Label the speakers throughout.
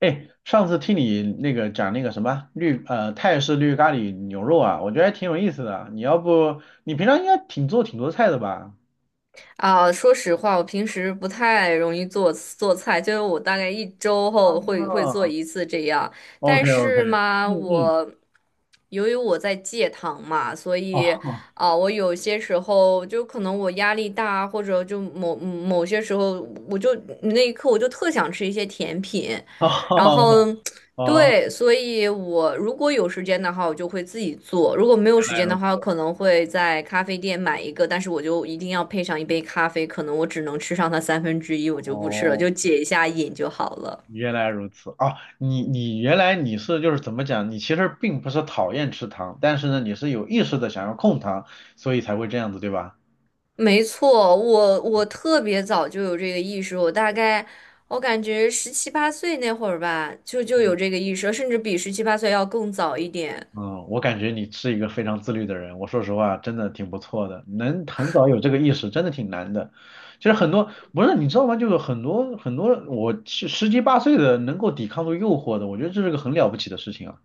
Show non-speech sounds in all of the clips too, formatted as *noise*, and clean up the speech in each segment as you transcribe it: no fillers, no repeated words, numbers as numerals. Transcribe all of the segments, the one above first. Speaker 1: 哎，上次听你那个讲那个什么泰式绿咖喱牛肉啊，我觉得还挺有意思的。你要不你平常应该挺做挺多菜的吧？
Speaker 2: 说实话，我平时不太容易做菜，就是我大概一周后会做
Speaker 1: 哦
Speaker 2: 一次这样。
Speaker 1: ，OK
Speaker 2: 但
Speaker 1: OK，
Speaker 2: 是嘛，
Speaker 1: 嗯嗯，
Speaker 2: 由于我在戒糖嘛，所以
Speaker 1: 哦
Speaker 2: 我有些时候就可能我压力大，或者就某些时候，我就那一刻我就特想吃一些甜品，然后。
Speaker 1: 哦哦，
Speaker 2: 对，所以我如果有时间的话，我就会自己做；如果没有
Speaker 1: 原
Speaker 2: 时
Speaker 1: 来
Speaker 2: 间
Speaker 1: 如
Speaker 2: 的话，我
Speaker 1: 此，
Speaker 2: 可能会在咖啡店买一个，但是我就一定要配上一杯咖啡，可能我只能吃上它1/3，我就不吃了，
Speaker 1: 哦，
Speaker 2: 就解一下瘾就好了。
Speaker 1: 原来如此哦，你原来你是就是怎么讲？你其实并不是讨厌吃糖，但是呢，你是有意识的想要控糖，所以才会这样子，对吧？
Speaker 2: 没错，我特别早就有这个意识，我大概我感觉十七八岁那会儿吧，就有
Speaker 1: 嗯
Speaker 2: 这个意识，甚至比十七八岁要更早一点。
Speaker 1: 嗯，我感觉你是一个非常自律的人，我说实话，真的挺不错的，能很早有这个意识，真的挺难的。其实很多不是你知道吗？就是很多很多，我十七八岁的能够抵抗住诱惑的，我觉得这是个很了不起的事情啊。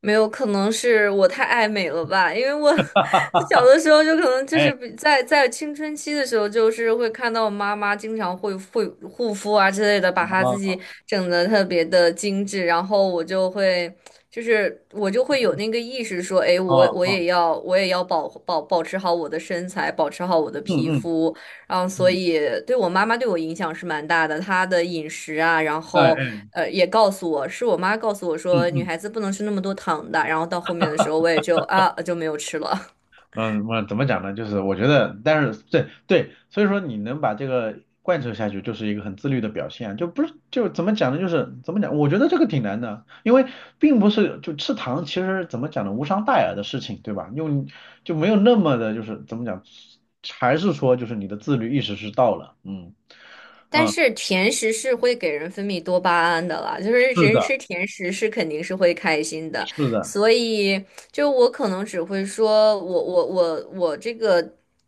Speaker 2: 没有，可能是我太爱美了吧，因为我 *laughs* 小
Speaker 1: *laughs*
Speaker 2: 的时候就可能就是
Speaker 1: 哎，
Speaker 2: 比在青春期的时候，就是会看到我妈妈经常会护肤啊之类的，把她
Speaker 1: 啊
Speaker 2: 自己整的特别的精致，然后我就会就是我就会有那个意识说，哎，
Speaker 1: 啊啊，
Speaker 2: 我也要保持好我的身材，保持好我的
Speaker 1: 嗯
Speaker 2: 皮
Speaker 1: 嗯
Speaker 2: 肤，然后所
Speaker 1: 嗯，
Speaker 2: 以对我妈妈对我影响是蛮大的，她的饮食啊，然
Speaker 1: 哎
Speaker 2: 后
Speaker 1: 哎，
Speaker 2: 呃，也告诉我，是我妈告诉我
Speaker 1: 嗯
Speaker 2: 说，女
Speaker 1: 嗯。
Speaker 2: 孩子不能吃那么多糖的。然后到后面的时候，我也就就没有吃了。
Speaker 1: 嗯，我怎么讲呢？就是我觉得，但是对对，所以说你能把这个贯彻下去，就是一个很自律的表现啊，就不是就怎么讲呢？就是怎么讲？我觉得这个挺难的，因为并不是就吃糖，其实怎么讲呢？无伤大雅的事情，对吧？用就没有那么的，就是怎么讲，还是说就是你的自律意识是到了，嗯，
Speaker 2: *laughs* 但是甜食是会给人分泌多巴胺的啦，就是
Speaker 1: 是
Speaker 2: 人
Speaker 1: 的，
Speaker 2: 吃甜食是肯定是会开心的。
Speaker 1: 是的，
Speaker 2: 所以就我可能只会说我这个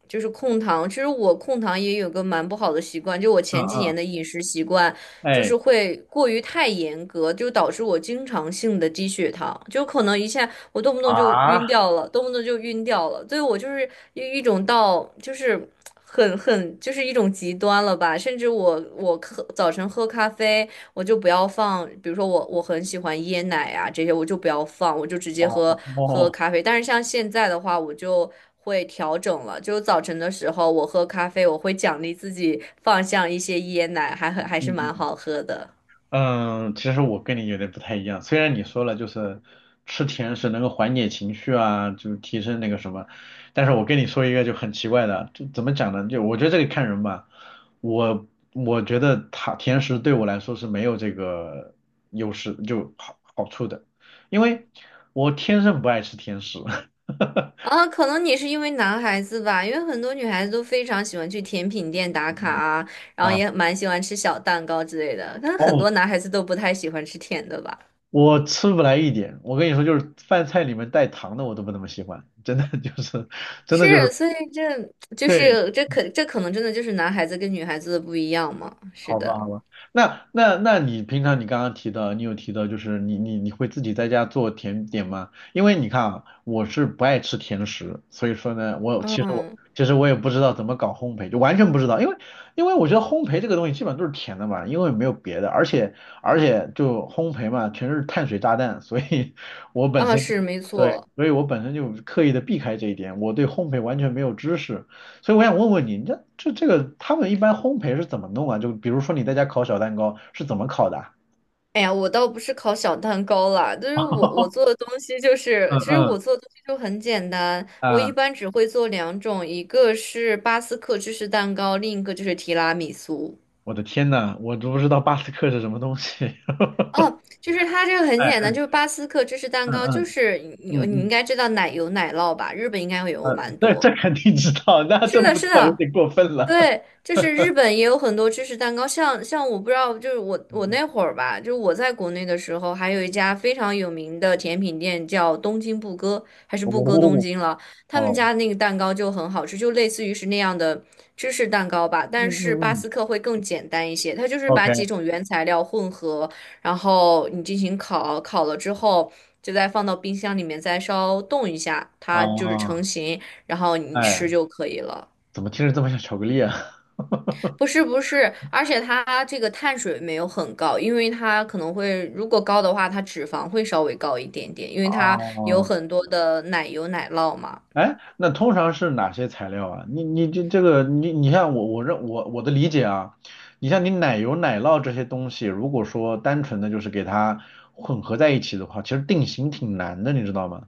Speaker 2: 就是控糖，其实我控糖也有个蛮不好的习惯，就我
Speaker 1: 嗯
Speaker 2: 前几年
Speaker 1: 嗯，
Speaker 2: 的饮食习惯。就
Speaker 1: 哎
Speaker 2: 是会过于太严格，就导致我经常性的低血糖，就可能一下我动不动就
Speaker 1: 啊，
Speaker 2: 晕掉了，动不动就晕掉了，所以我就是一种到就是很就是一种极端了吧，甚至我早晨喝咖啡，我就不要放，比如说我很喜欢椰奶啊这些，我就不要放，我就直接
Speaker 1: 哦
Speaker 2: 喝
Speaker 1: 哦。
Speaker 2: 咖啡，但是像现在的话，我就会调整了。就早晨的时候，我喝咖啡，我会奖励自己放上一些椰奶，还是蛮好喝的。
Speaker 1: 嗯，其实我跟你有点不太一样。虽然你说了就是吃甜食能够缓解情绪啊，就是提升那个什么，但是我跟你说一个就很奇怪的，就怎么讲呢？就我觉得这个看人吧。我我觉得他甜食对我来说是没有这个优势就好处的，因为我天生不爱吃甜食。*laughs*
Speaker 2: 啊，可能你是因为男孩子吧，因为很多女孩子都非常喜欢去甜品店打卡啊，然后
Speaker 1: 哎，
Speaker 2: 也蛮喜欢吃小蛋糕之类的，但很
Speaker 1: 哦，
Speaker 2: 多男孩子都不太喜欢吃甜的吧。
Speaker 1: 我吃不来一点，我跟你说，就是饭菜里面带糖的我都不那么喜欢，真的就是，真的就
Speaker 2: 是，
Speaker 1: 是，
Speaker 2: 所以这
Speaker 1: 对，
Speaker 2: 可能真的就是男孩子跟女孩子的不一样嘛。是
Speaker 1: 好吧，
Speaker 2: 的，
Speaker 1: 好吧，那你平常你刚刚提到，你有提到就是你会自己在家做甜点吗？因为你看啊，我是不爱吃甜食，所以说呢，我其实我
Speaker 2: 嗯，
Speaker 1: 其实我也不知道怎么搞烘焙，就完全不知道，因为我觉得烘焙这个东西基本上都是甜的嘛，因为没有别的，而且就烘焙嘛，全是碳水炸弹，所以我本
Speaker 2: 啊，
Speaker 1: 身
Speaker 2: 是没
Speaker 1: 对，
Speaker 2: 错。
Speaker 1: 所以我本身就刻意的避开这一点，我对烘焙完全没有知识。所以我想问问你，你这个他们一般烘焙是怎么弄啊？就比如说你在家烤小蛋糕是怎么烤的啊
Speaker 2: 哎呀，我倒不是烤小蛋糕啦，就是我我做的东西就是，
Speaker 1: 嗯
Speaker 2: 其实
Speaker 1: 嗯
Speaker 2: 我做的东西就很简单，我
Speaker 1: 啊，
Speaker 2: 一般只会做两种，一个是巴斯克芝士蛋糕，另一个就是提拉米苏。
Speaker 1: 我的天呐，我都不知道巴斯克是什么东西。
Speaker 2: 哦，
Speaker 1: *laughs*
Speaker 2: 就是它这个很
Speaker 1: 哎，
Speaker 2: 简单，就是巴斯克芝士蛋
Speaker 1: 嗯
Speaker 2: 糕，就
Speaker 1: 嗯
Speaker 2: 是你
Speaker 1: 嗯
Speaker 2: 你应
Speaker 1: 嗯，
Speaker 2: 该知道奶油奶酪吧，日本应该会有
Speaker 1: 呃，
Speaker 2: 蛮
Speaker 1: 这
Speaker 2: 多。
Speaker 1: 这肯定知道，那
Speaker 2: 是
Speaker 1: 这
Speaker 2: 的，
Speaker 1: 不知
Speaker 2: 是
Speaker 1: 道有
Speaker 2: 的，
Speaker 1: 点过分了。
Speaker 2: 对，
Speaker 1: *laughs*
Speaker 2: 就是日本也有很多芝士蛋糕，像我不知道，就是我
Speaker 1: 嗯
Speaker 2: 我
Speaker 1: 嗯，
Speaker 2: 那会儿吧，就是我在国内的时候，还有一家非常有名的甜品店叫东京布歌，还是布歌东
Speaker 1: 哦
Speaker 2: 京了，他们
Speaker 1: 哦，
Speaker 2: 家那个蛋糕就很好吃，就类似于是那样的芝士蛋糕吧，
Speaker 1: 嗯
Speaker 2: 但是
Speaker 1: 嗯
Speaker 2: 巴
Speaker 1: 嗯
Speaker 2: 斯克会更简单一些，它就是把几
Speaker 1: ，OK
Speaker 2: 种原材料混合，然后你进行烤，烤了之后，就再放到冰箱里面，再稍冻一下，它就是成
Speaker 1: 啊，
Speaker 2: 型，然后你
Speaker 1: 哎，
Speaker 2: 吃就可以了。
Speaker 1: 怎么听着这么像巧克力啊？
Speaker 2: 不是不是，而且它这个碳水没有很高，因为它可能会，如果高的话，它脂肪会稍微高一点点，因为
Speaker 1: *laughs* 啊。
Speaker 2: 它有很多的奶油奶酪嘛。
Speaker 1: 哎，那通常是哪些材料啊？你这这个你你像我我认我我的理解啊，你像你奶油奶酪这些东西，如果说单纯的就是给它混合在一起的话，其实定型挺难的，你知道吗？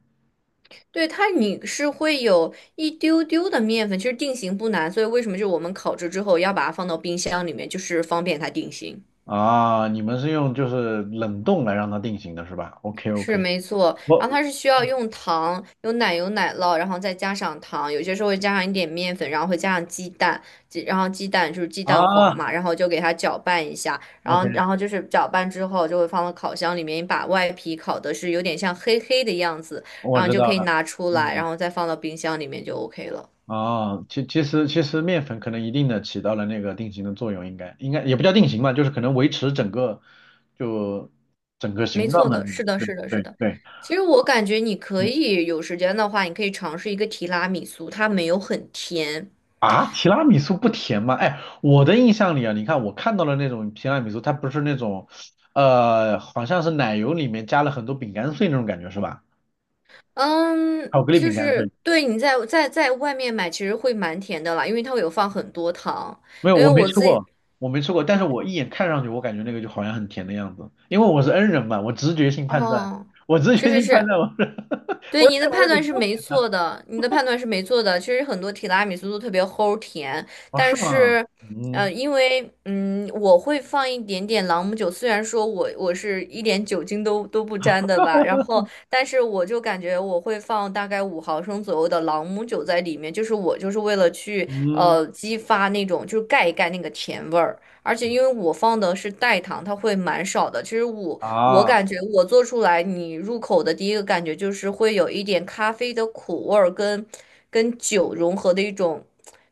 Speaker 2: 对，你是会有一丢丢的面粉，其实定型不难，所以为什么就是我们烤制之后要把它放到冰箱里面，就是方便它定型。
Speaker 1: 啊，你们是用就是冷冻来让它定型的是吧？OK
Speaker 2: 是
Speaker 1: OK，
Speaker 2: 没错，
Speaker 1: 我
Speaker 2: 然后它是需要用糖、有奶油、奶酪，然后再加上糖，有些时候会加上一点面粉，然后会加上鸡蛋，然后鸡蛋就是鸡蛋
Speaker 1: 啊
Speaker 2: 黄嘛，然后就给它搅拌一下，然
Speaker 1: OK，
Speaker 2: 后然后就是搅拌之后就会放到烤箱里面，把外皮烤的是有点像黑黑的样子，然
Speaker 1: 我
Speaker 2: 后你
Speaker 1: 知
Speaker 2: 就
Speaker 1: 道
Speaker 2: 可以
Speaker 1: 了，
Speaker 2: 拿出来，然
Speaker 1: 嗯
Speaker 2: 后再放到冰箱里面就 OK 了。
Speaker 1: 哦，其实面粉可能一定的起到了那个定型的作用，应该也不叫定型吧，就是可能维持整个就整个
Speaker 2: 没
Speaker 1: 形
Speaker 2: 错
Speaker 1: 状的。
Speaker 2: 的，是的，
Speaker 1: 对
Speaker 2: 是的，是
Speaker 1: 对
Speaker 2: 的。
Speaker 1: 对，
Speaker 2: 其实我感觉你可
Speaker 1: 嗯
Speaker 2: 以有时间的话，你可以尝试一个提拉米苏，它没有很甜。
Speaker 1: 啊，提拉米苏不甜吗？哎，我的印象里啊，你看我看到了那种提拉米苏，它不是那种呃，好像是奶油里面加了很多饼干碎那种感觉是吧？
Speaker 2: 嗯，
Speaker 1: 巧克力
Speaker 2: 就
Speaker 1: 饼干
Speaker 2: 是
Speaker 1: 碎。
Speaker 2: 对你在外面买，其实会蛮甜的啦，因为它会有放很多糖。
Speaker 1: 没有，
Speaker 2: 因为
Speaker 1: 我没
Speaker 2: 我
Speaker 1: 吃
Speaker 2: 自己，
Speaker 1: 过，我没吃过，但是我一眼看上去，我感觉那个就好像很甜的样子，因为我是 N 人嘛，我直觉性判断，
Speaker 2: 哦，
Speaker 1: 我直
Speaker 2: 是
Speaker 1: 觉
Speaker 2: 是
Speaker 1: 性判
Speaker 2: 是，
Speaker 1: 断，我是 *laughs*
Speaker 2: 对，
Speaker 1: 我这
Speaker 2: 你的
Speaker 1: 玩意
Speaker 2: 判
Speaker 1: 儿得
Speaker 2: 断是
Speaker 1: 多
Speaker 2: 没
Speaker 1: 甜
Speaker 2: 错的，你的判断是没错的。其实很多提拉米苏都特别齁甜，
Speaker 1: 哦，
Speaker 2: 但
Speaker 1: 是吗？
Speaker 2: 是，
Speaker 1: 嗯
Speaker 2: 因为我会放一点点朗姆酒，虽然说我是一点酒精都不沾的吧，然后，但是我就感觉我会放大概5毫升左右的朗姆酒在里面，就是我就是为了去
Speaker 1: 嗯
Speaker 2: 激发那种就是盖一盖那个甜味儿。而且因为我放的是代糖，它会蛮少的。其实我
Speaker 1: 啊，嗯
Speaker 2: 感觉我做出来，你入口的第一个感觉就是会有一点咖啡的苦味儿跟酒融合的一种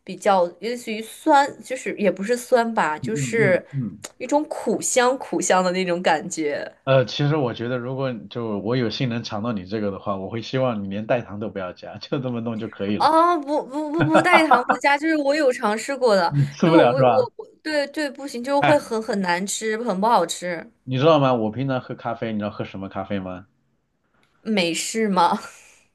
Speaker 2: 比较类似于酸，就是也不是酸吧，
Speaker 1: 嗯
Speaker 2: 就
Speaker 1: 嗯
Speaker 2: 是
Speaker 1: 嗯，
Speaker 2: 一种苦香苦香的那种感觉。
Speaker 1: 呃，其实我觉得，如果就我有幸能尝到你这个的话，我会希望你连代糖都不要加，就这么弄就可以了。
Speaker 2: 啊，不不不不带糖不加，就是我有尝试过的，
Speaker 1: 你
Speaker 2: 就
Speaker 1: 吃
Speaker 2: 是
Speaker 1: 不
Speaker 2: 我
Speaker 1: 了
Speaker 2: 我
Speaker 1: 是吧？
Speaker 2: 我我对不行，就是
Speaker 1: 哎，
Speaker 2: 会很难吃，很不好吃。
Speaker 1: 你知道吗？我平常喝咖啡，你知道喝什么咖啡吗？
Speaker 2: 美式吗？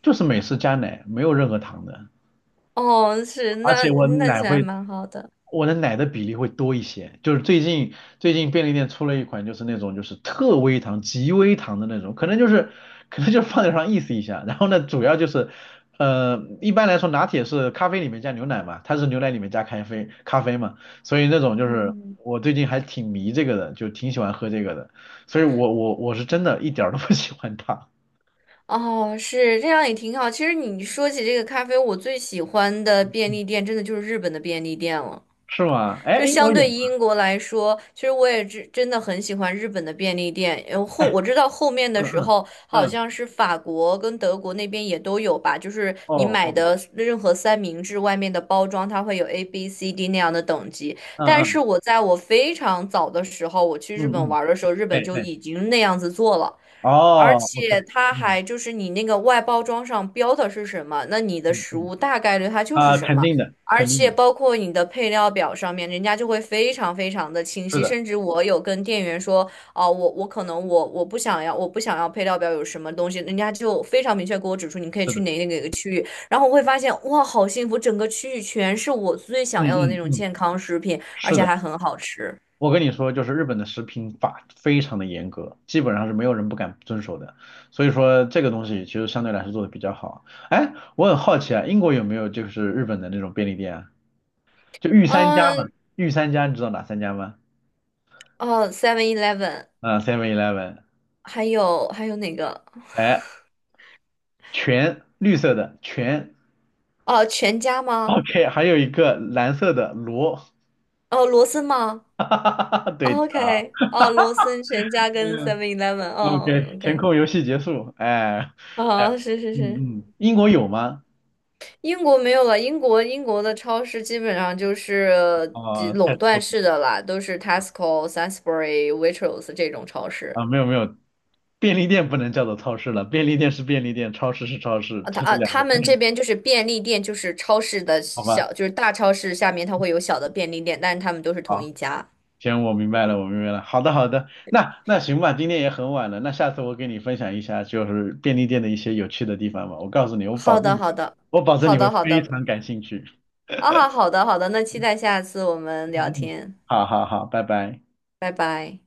Speaker 1: 就是美式加奶，没有任何糖的。
Speaker 2: *laughs* 哦，是，
Speaker 1: 而
Speaker 2: 那
Speaker 1: 且我
Speaker 2: 那其
Speaker 1: 奶
Speaker 2: 实还
Speaker 1: 会，
Speaker 2: 蛮好的。
Speaker 1: 我的奶的比例会多一些。就是最近便利店出了一款，就是那种就是特微糖、极微糖的那种，可能就是放点上意思一下。然后呢，主要就是呃，一般来说拿铁是咖啡里面加牛奶嘛，它是牛奶里面加咖啡嘛，所以那种就是
Speaker 2: 嗯。
Speaker 1: 我最近还挺迷这个的，就挺喜欢喝这个的。所以我是真的一点儿都不喜欢它，
Speaker 2: 哦，是这样也挺好。其实你说起这个咖啡，我最喜欢的便
Speaker 1: 嗯
Speaker 2: 利店真的就是日本的便利店了。
Speaker 1: 是吗？哎，
Speaker 2: 就
Speaker 1: 英
Speaker 2: 相
Speaker 1: 国有
Speaker 2: 对
Speaker 1: 吗？
Speaker 2: 英国来说，其实我也真的很喜欢日本的便利店。
Speaker 1: 哎，
Speaker 2: 我知道后面的
Speaker 1: 嗯
Speaker 2: 时
Speaker 1: 嗯
Speaker 2: 候，好
Speaker 1: 嗯，
Speaker 2: 像是法国跟德国那边也都有吧。就是
Speaker 1: 哦
Speaker 2: 你买
Speaker 1: 哦，
Speaker 2: 的任何三明治外面的包装，它会有 A、B、C、D 那样的等级。
Speaker 1: 嗯
Speaker 2: 但是
Speaker 1: 嗯
Speaker 2: 我非常早的时候，我去
Speaker 1: 嗯
Speaker 2: 日本
Speaker 1: 嗯。
Speaker 2: 玩儿的时候，日
Speaker 1: 哎
Speaker 2: 本就
Speaker 1: 哎，
Speaker 2: 已经那样子做了。而
Speaker 1: 哦，OK，
Speaker 2: 且它
Speaker 1: 嗯
Speaker 2: 还就是你那个外包装上标的是什么，那你的
Speaker 1: 嗯
Speaker 2: 食
Speaker 1: 嗯，
Speaker 2: 物大概率它就是
Speaker 1: 啊、
Speaker 2: 什
Speaker 1: 肯
Speaker 2: 么。
Speaker 1: 定的，
Speaker 2: 而
Speaker 1: 肯定的，
Speaker 2: 且包括你的配料表上面，人家就会非常非常的清
Speaker 1: 是
Speaker 2: 晰。
Speaker 1: 的，
Speaker 2: 甚至我有跟店员说，哦，我不想要配料表有什么东西，人家就非常明确给我指出，你可以
Speaker 1: 是
Speaker 2: 去
Speaker 1: 的，
Speaker 2: 哪个区域。然后我会发现，哇，好幸福，整个区域全是我最想
Speaker 1: 嗯
Speaker 2: 要的那
Speaker 1: 嗯
Speaker 2: 种
Speaker 1: 嗯，
Speaker 2: 健康食品，而
Speaker 1: 是
Speaker 2: 且
Speaker 1: 的。
Speaker 2: 还很好吃。
Speaker 1: 我跟你说，就是日本的食品法非常的严格，基本上是没有人不敢遵守的。所以说这个东西其实相对来说做的比较好。哎，我很好奇啊，英国有没有就是日本的那种便利店啊？就御三家嘛，
Speaker 2: 嗯，
Speaker 1: 御三家你知道哪三家吗？
Speaker 2: 哦，Seven Eleven。
Speaker 1: 啊，Seven Eleven，
Speaker 2: 还有哪个？
Speaker 1: 哎，全绿色的全
Speaker 2: 哦，全家吗？
Speaker 1: ，OK，还有一个蓝色的罗，
Speaker 2: 哦，罗森吗？
Speaker 1: *laughs* 哈哈哈哈，对
Speaker 2: 哦
Speaker 1: 的。
Speaker 2: ？OK，哦，罗森、全家跟 Seven Eleven，哦
Speaker 1: OK，填
Speaker 2: ，OK，
Speaker 1: 空游戏结束。哎，哎，
Speaker 2: 哦，是是是，
Speaker 1: 嗯嗯，英国有吗？
Speaker 2: 英国没有了，英国的超市基本上就是
Speaker 1: 啊、太
Speaker 2: 垄
Speaker 1: s
Speaker 2: 断
Speaker 1: l
Speaker 2: 式的啦，都是 Tesco、Sainsbury、Waitrose 这种超市。
Speaker 1: 啊，没有没有，便利店不能叫做超市了，便利店是便利店，超市是超市，
Speaker 2: 啊，
Speaker 1: 这是两
Speaker 2: 他
Speaker 1: 个概
Speaker 2: 们这
Speaker 1: 念，
Speaker 2: 边就是便利店，就是超市的
Speaker 1: 好吧？
Speaker 2: 小，就是大超市下面它会有小的便利店，但是他们都是同
Speaker 1: 好，
Speaker 2: 一家。
Speaker 1: 行，我明白了，我明白了。好的好的，那那行吧，今天也很晚了，那下次我给你分享一下就是便利店的一些有趣的地方吧。我告诉你，我保
Speaker 2: 好
Speaker 1: 证
Speaker 2: 的，
Speaker 1: 你
Speaker 2: 好
Speaker 1: 会，
Speaker 2: 的，
Speaker 1: 我保证
Speaker 2: 好
Speaker 1: 你会
Speaker 2: 的，好
Speaker 1: 非
Speaker 2: 的，
Speaker 1: 常感兴趣。
Speaker 2: 好的好的，那期待下次我们
Speaker 1: 嗯
Speaker 2: 聊
Speaker 1: 嗯，嗯
Speaker 2: 天，
Speaker 1: 好好好，拜拜。
Speaker 2: 拜拜。